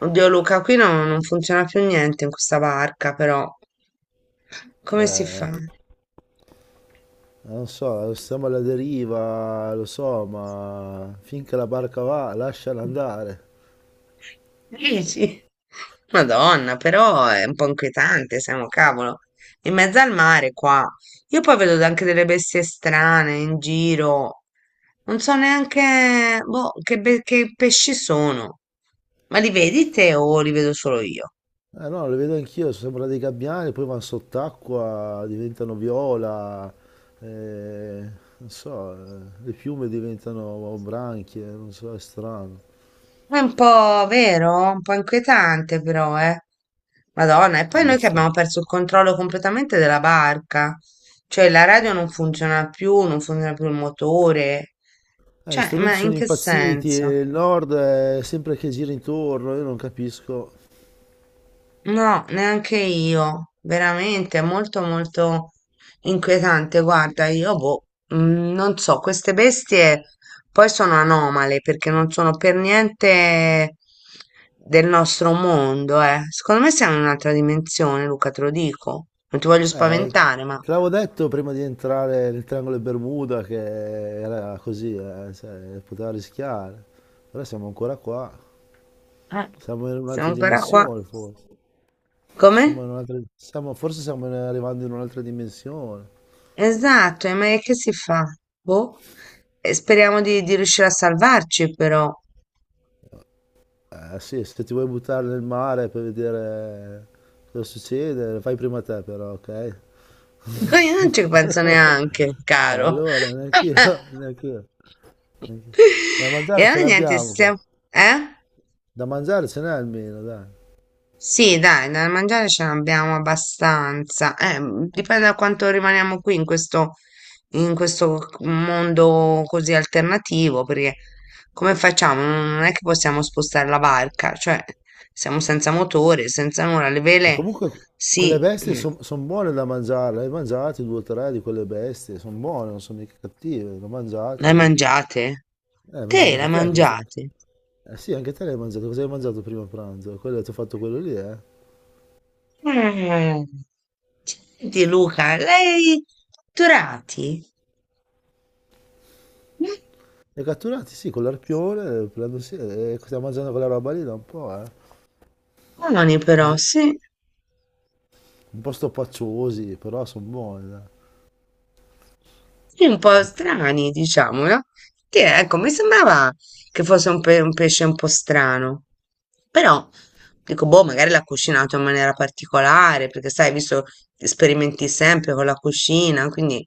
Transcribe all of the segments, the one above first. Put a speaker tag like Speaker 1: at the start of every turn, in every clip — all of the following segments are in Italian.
Speaker 1: Oddio Luca, qui non funziona più niente in questa barca, però come si fa?
Speaker 2: Eh, non so, siamo alla deriva, lo so, ma finché la barca va, lasciala andare.
Speaker 1: Dici? Madonna, però è un po' inquietante, siamo cavolo. In mezzo al mare qua. Io poi vedo anche delle bestie strane in giro. Non so neanche boh, che, che pesci sono. Ma li vedi te o li vedo solo io?
Speaker 2: Eh no, lo vedo anch'io, sembrano dei gabbiani, poi vanno sott'acqua, diventano viola, eh, non so, le piume diventano branchie, non so, è strano.
Speaker 1: È un po' vero, un po' inquietante però, eh. Madonna, e poi noi che abbiamo
Speaker 2: Abbastanza.
Speaker 1: perso il controllo completamente della barca, cioè la radio non funziona più, non funziona più il motore,
Speaker 2: Gli
Speaker 1: cioè, ma
Speaker 2: strumenti
Speaker 1: in
Speaker 2: sono
Speaker 1: che
Speaker 2: impazziti e
Speaker 1: senso?
Speaker 2: il nord è sempre che gira intorno, io non capisco.
Speaker 1: No, neanche io, veramente, è molto inquietante. Guarda, io boh, mm, non so, queste bestie poi sono anomale perché non sono per niente del nostro mondo, eh. Secondo me siamo in un'altra dimensione, Luca, te lo dico. Non ti voglio
Speaker 2: Eh,
Speaker 1: spaventare, ma
Speaker 2: te l'avevo detto prima di entrare nel triangolo di Bermuda che era così, cioè, poteva rischiare. Però siamo ancora qua,
Speaker 1: eh,
Speaker 2: siamo in
Speaker 1: siamo
Speaker 2: un'altra
Speaker 1: ancora qua.
Speaker 2: dimensione forse.
Speaker 1: Come?
Speaker 2: Siamo in un'altra- siamo- Forse stiamo arrivando in un'altra dimensione.
Speaker 1: Esatto, e ma che si fa? Boh. E speriamo di riuscire a salvarci, però.
Speaker 2: Eh sì, se ti vuoi buttare nel mare per vedere cosa succede, fai prima te però, ok?
Speaker 1: No, io non ci penso neanche, caro.
Speaker 2: Allora, neanch'io, neanch'io. Da
Speaker 1: E
Speaker 2: mangiare ce
Speaker 1: allora niente,
Speaker 2: l'abbiamo qua.
Speaker 1: stiamo... Eh?
Speaker 2: Da mangiare ce n'è almeno, dai.
Speaker 1: Sì, dai, da mangiare ce n'abbiamo abbastanza. Dipende da quanto rimaniamo qui in in questo mondo così alternativo, perché come facciamo? Non è che possiamo spostare la barca, cioè siamo senza motore, senza nulla. Le
Speaker 2: E
Speaker 1: vele,
Speaker 2: comunque quelle
Speaker 1: sì,
Speaker 2: bestie
Speaker 1: mm,
Speaker 2: sono buone da mangiare, le hai mangiate due o tre di quelle bestie, sono buone, non sono mica cattive, l'ho
Speaker 1: le
Speaker 2: mangiata
Speaker 1: hai
Speaker 2: io.
Speaker 1: mangiate?
Speaker 2: Hai
Speaker 1: Te
Speaker 2: mangiato
Speaker 1: le
Speaker 2: anche
Speaker 1: hai
Speaker 2: te,
Speaker 1: mangiate?
Speaker 2: eh sì, anche te l'hai mangiato, cosa hai mangiato prima pranzo? Quello, ti ho fatto quello lì, eh?
Speaker 1: Eh, senti Luca, lei dottorati?
Speaker 2: Li hai catturati, sì, con l'arpione, prendo, sì, e stiamo mangiando quella roba lì da un po', eh?
Speaker 1: Buoni però,
Speaker 2: Mangi-
Speaker 1: sì.
Speaker 2: Un po' stoppaccioosi, però sono buoni, dai.
Speaker 1: Sì, un po' strani, diciamo, no? Che, ecco, mi sembrava che fosse un, un pesce un po' strano, però dico, boh, magari l'ha cucinato in maniera particolare, perché sai, visto che sperimenti sempre con la cucina, quindi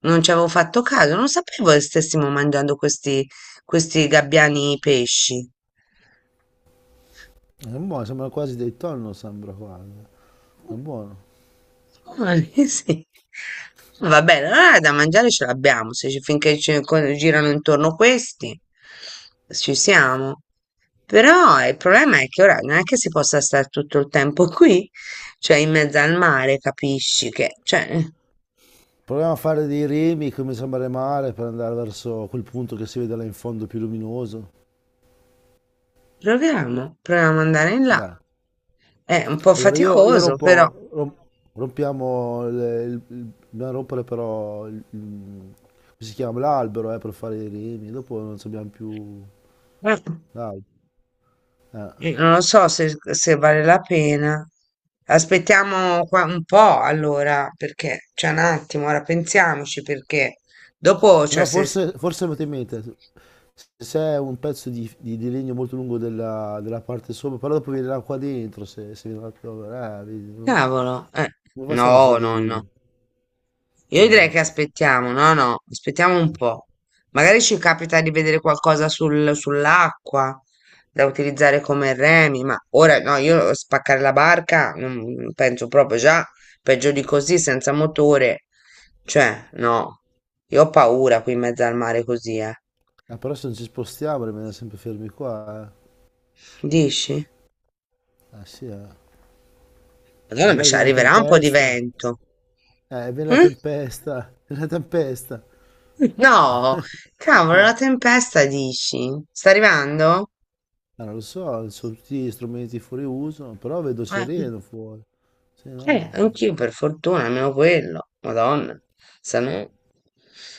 Speaker 1: non ci avevo fatto caso, non sapevo che stessimo mangiando questi gabbiani pesci.
Speaker 2: Sono buoni, sembrano quasi dei tonno, sembra quasi. È buono.
Speaker 1: Ah, sì. Va bene, allora da mangiare ce l'abbiamo, se finché ci girano intorno questi, ci siamo. Però il problema è che ora non è che si possa stare tutto il tempo qui, cioè in mezzo al mare, capisci che, cioè,
Speaker 2: Proviamo a fare dei remi come sembra mare per andare verso quel punto che si vede là in fondo più luminoso.
Speaker 1: proviamo ad andare in là.
Speaker 2: Dai.
Speaker 1: È un po'
Speaker 2: Allora io
Speaker 1: faticoso, però.
Speaker 2: rompiamo, dobbiamo rompere però, come si chiama, l'albero per fare i remi, dopo non ci abbiamo più
Speaker 1: Eh.
Speaker 2: l'albero. Eh.
Speaker 1: Non so se vale la pena. Aspettiamo qua un po' allora, perché c'è un attimo, ora pensiamoci perché
Speaker 2: Se
Speaker 1: dopo, cioè,
Speaker 2: No,
Speaker 1: se...
Speaker 2: forse, forse avete in mente, se c'è un pezzo di, di legno molto lungo della, della parte sopra, però dopo viene l'acqua dentro, se viene l'acqua, vedi,
Speaker 1: Cavolo,
Speaker 2: come facciamo a fare dei
Speaker 1: no.
Speaker 2: remi? Eh
Speaker 1: Io direi che
Speaker 2: no.
Speaker 1: aspettiamo, no, no, aspettiamo un po'. Magari ci capita di vedere qualcosa sull'acqua da utilizzare come remi, ma ora no, io spaccare la barca non penso proprio già, peggio di così, senza motore. Cioè, no, io ho paura qui in mezzo al mare così, eh.
Speaker 2: Ah, però se non ci spostiamo rimaniamo sempre fermi qua, eh.
Speaker 1: Dici?
Speaker 2: Ah sì, eh.
Speaker 1: Madonna, ma
Speaker 2: Magari
Speaker 1: ci
Speaker 2: viene la
Speaker 1: arriverà un po' di
Speaker 2: tempesta.
Speaker 1: vento.
Speaker 2: Viene la
Speaker 1: Mm?
Speaker 2: tempesta, viene la tempesta.
Speaker 1: No, cavolo, la tempesta dici? Sta arrivando?
Speaker 2: Ah, non lo so, sono tutti strumenti fuori uso, però vedo
Speaker 1: Eh.
Speaker 2: sereno fuori. Se no,
Speaker 1: Anch'io per fortuna, almeno quello. Madonna, se no...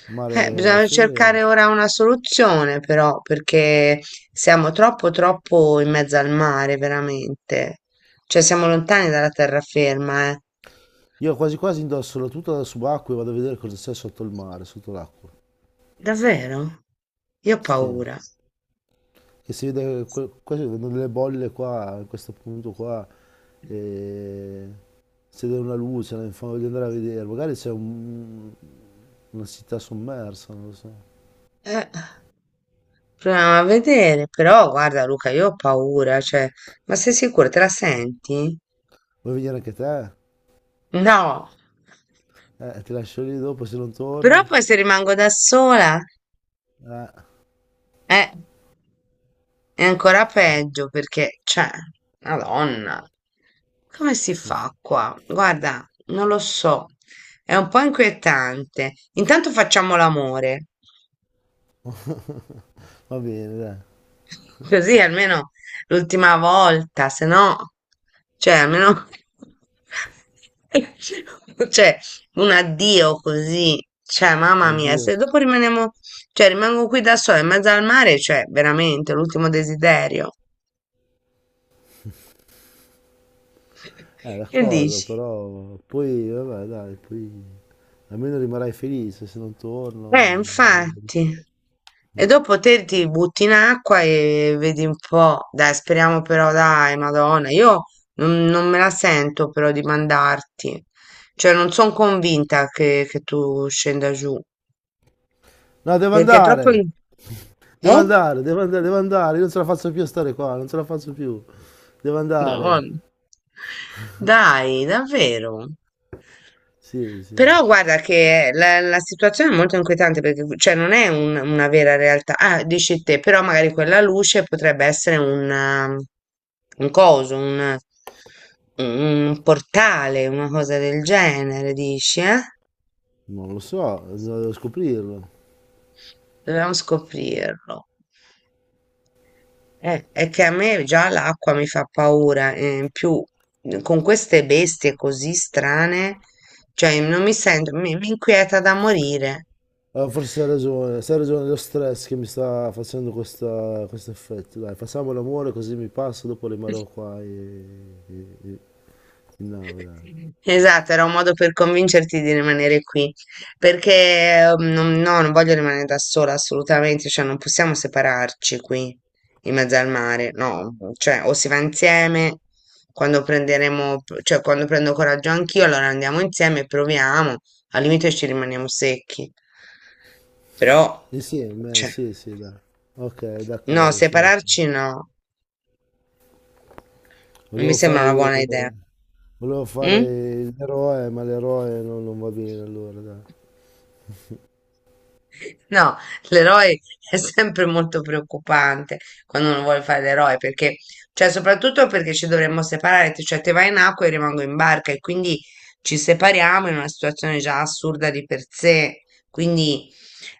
Speaker 2: il mare è
Speaker 1: Bisogna
Speaker 2: fermo.
Speaker 1: cercare ora una soluzione però, perché siamo troppo in mezzo al mare, veramente. Cioè siamo lontani dalla terraferma, eh.
Speaker 2: Io quasi quasi indosso la tuta da subacqueo e vado a vedere cosa c'è sotto il mare, sotto l'acqua.
Speaker 1: Davvero? Io ho
Speaker 2: Sì,
Speaker 1: paura.
Speaker 2: che si vede, quasi vedo delle bolle qua, in questo punto qua. E... se c'è una luce, voglio andare a vedere, magari c'è un, una città sommersa, non lo so.
Speaker 1: Eh, proviamo a vedere, però guarda Luca, io ho paura, cioè, ma sei sicuro? Te la senti?
Speaker 2: Vuoi venire anche te?
Speaker 1: No.
Speaker 2: Ti lascio lì dopo se non
Speaker 1: Però
Speaker 2: torno?
Speaker 1: poi se rimango da sola...
Speaker 2: Eh,
Speaker 1: Eh, è ancora peggio perché, cioè, Madonna, come si fa qua? Guarda, non lo so, è un po' inquietante. Intanto facciamo l'amore,
Speaker 2: va bene, dai,
Speaker 1: così almeno l'ultima volta, se no, cioè, almeno, cioè, un addio così, cioè, mamma mia,
Speaker 2: addio.
Speaker 1: se dopo rimaniamo, cioè, rimango qui da sola in mezzo al mare, cioè, veramente, l'ultimo desiderio. Che
Speaker 2: D'accordo,
Speaker 1: dici?
Speaker 2: però poi, vabbè, dai, poi almeno rimarrai felice se non torno.
Speaker 1: Infatti. E dopo te ti butti in acqua e vedi un po'. Dai, speriamo però, dai, Madonna. Io non me la sento però di mandarti. Cioè, non sono convinta che tu scenda giù.
Speaker 2: No, devo
Speaker 1: Perché è troppo...
Speaker 2: andare!
Speaker 1: in-
Speaker 2: Devo
Speaker 1: Eh?
Speaker 2: andare, devo andare, devo andare, io non ce la faccio più a stare qua, non ce la faccio più. Devo andare.
Speaker 1: Madonna. Dai, davvero.
Speaker 2: Sì, sì.
Speaker 1: Però guarda che la situazione è molto inquietante perché cioè, non è una vera realtà. Ah, dici te, però magari quella luce potrebbe essere un, un coso, un portale, una cosa del genere, dici, eh?
Speaker 2: Non lo so, devo scoprirlo.
Speaker 1: Dobbiamo scoprirlo. È che a me già l'acqua mi fa paura, in più con queste bestie così strane, cioè non mi sento, mi inquieta da morire.
Speaker 2: Ah, forse hai ragione, se hai ragione, è lo stress che mi sta facendo questo effetto. Dai, facciamo l'amore così mi passa, dopo rimarrò qua in nave, dai.
Speaker 1: Esatto, era un modo per convincerti di rimanere qui, perché no, non voglio rimanere da sola assolutamente, cioè non possiamo separarci qui in mezzo al mare, no, cioè o si va insieme quando prenderemo, cioè quando prendo coraggio anch'io, allora andiamo insieme e proviamo, al limite ci rimaniamo secchi, però,
Speaker 2: Insieme,
Speaker 1: cioè,
Speaker 2: sì, sì, dai. Ok,
Speaker 1: no,
Speaker 2: d'accordo, sono d'accordo.
Speaker 1: separarci no, non mi
Speaker 2: Volevo
Speaker 1: sembra una
Speaker 2: fare,
Speaker 1: buona idea.
Speaker 2: volevo
Speaker 1: Mm?
Speaker 2: fare l'eroe, ma l'eroe non va bene allora, dai.
Speaker 1: No, l'eroe è sempre molto preoccupante quando uno vuole fare l'eroe, perché, cioè, soprattutto perché ci dovremmo separare, cioè te vai in acqua e io rimango in barca e quindi ci separiamo in una situazione già assurda di per sé, quindi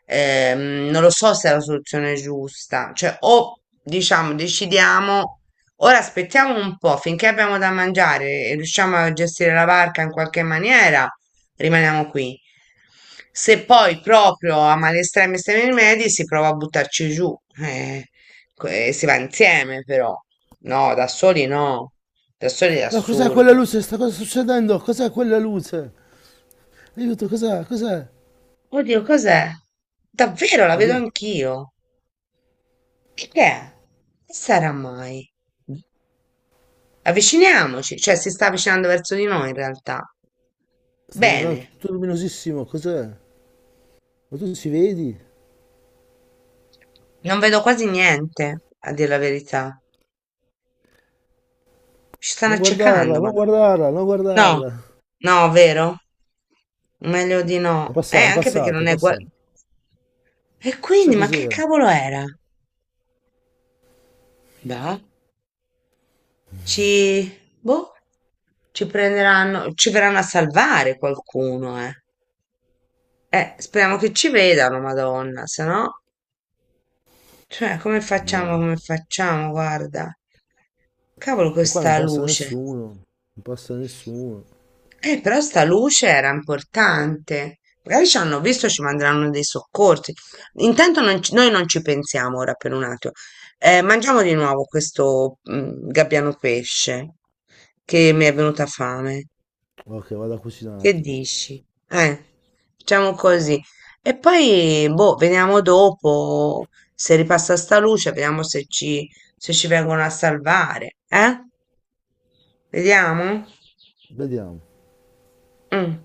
Speaker 1: non lo so se è la soluzione giusta, cioè o diciamo decidiamo, ora aspettiamo un po' finché abbiamo da mangiare e riusciamo a gestire la barca in qualche maniera, rimaniamo qui. Se poi proprio a male estreme estremi rimedi si prova a buttarci giù, eh, si va insieme però, no, da soli no, da soli è
Speaker 2: No, cos'è quella
Speaker 1: assurdo.
Speaker 2: luce? Sta cosa succedendo? Cos'è quella luce? Aiuto, cos'è? Cos'è?
Speaker 1: Oddio, cos'è? Davvero, la
Speaker 2: La
Speaker 1: vedo
Speaker 2: vedi-
Speaker 1: anch'io. Che è? Che sarà mai? Avviciniamoci, cioè si sta avvicinando verso di noi in realtà.
Speaker 2: Sta diventando
Speaker 1: Bene,
Speaker 2: tutto luminosissimo, cos'è? Ma tu ci vedi?
Speaker 1: non vedo quasi niente, a dire la verità. Ci stanno
Speaker 2: Non
Speaker 1: accecando,
Speaker 2: guardarla, non
Speaker 1: madonna.
Speaker 2: guardarla, non
Speaker 1: No,
Speaker 2: guardarla.
Speaker 1: no, vero? Meglio di
Speaker 2: È
Speaker 1: no.
Speaker 2: passata, è
Speaker 1: Anche perché
Speaker 2: passata, è
Speaker 1: non è gua-
Speaker 2: passata.
Speaker 1: E
Speaker 2: Chissà
Speaker 1: quindi, ma che
Speaker 2: cos'era.
Speaker 1: cavolo era? Beh, ci... boh, ci prenderanno, ci verranno a salvare qualcuno, eh. Speriamo che ci vedano, madonna, se no... Cioè,
Speaker 2: Ma...
Speaker 1: come facciamo, guarda. Cavolo
Speaker 2: ma qua non
Speaker 1: questa
Speaker 2: passa
Speaker 1: luce.
Speaker 2: nessuno. Non passa nessuno.
Speaker 1: Però sta luce era importante. Magari ci hanno visto, ci manderanno dei soccorsi. Intanto non noi non ci pensiamo ora per un attimo. Mangiamo di nuovo questo mm, gabbiano pesce che mi è venuta fame.
Speaker 2: Ok, vado a
Speaker 1: Che
Speaker 2: cucinarti.
Speaker 1: dici? Eh, facciamo così. E poi, boh, vediamo dopo se ripassa sta luce, vediamo se ci, se ci vengono a salvare. Eh? Vediamo?
Speaker 2: Vediamo.
Speaker 1: Mm.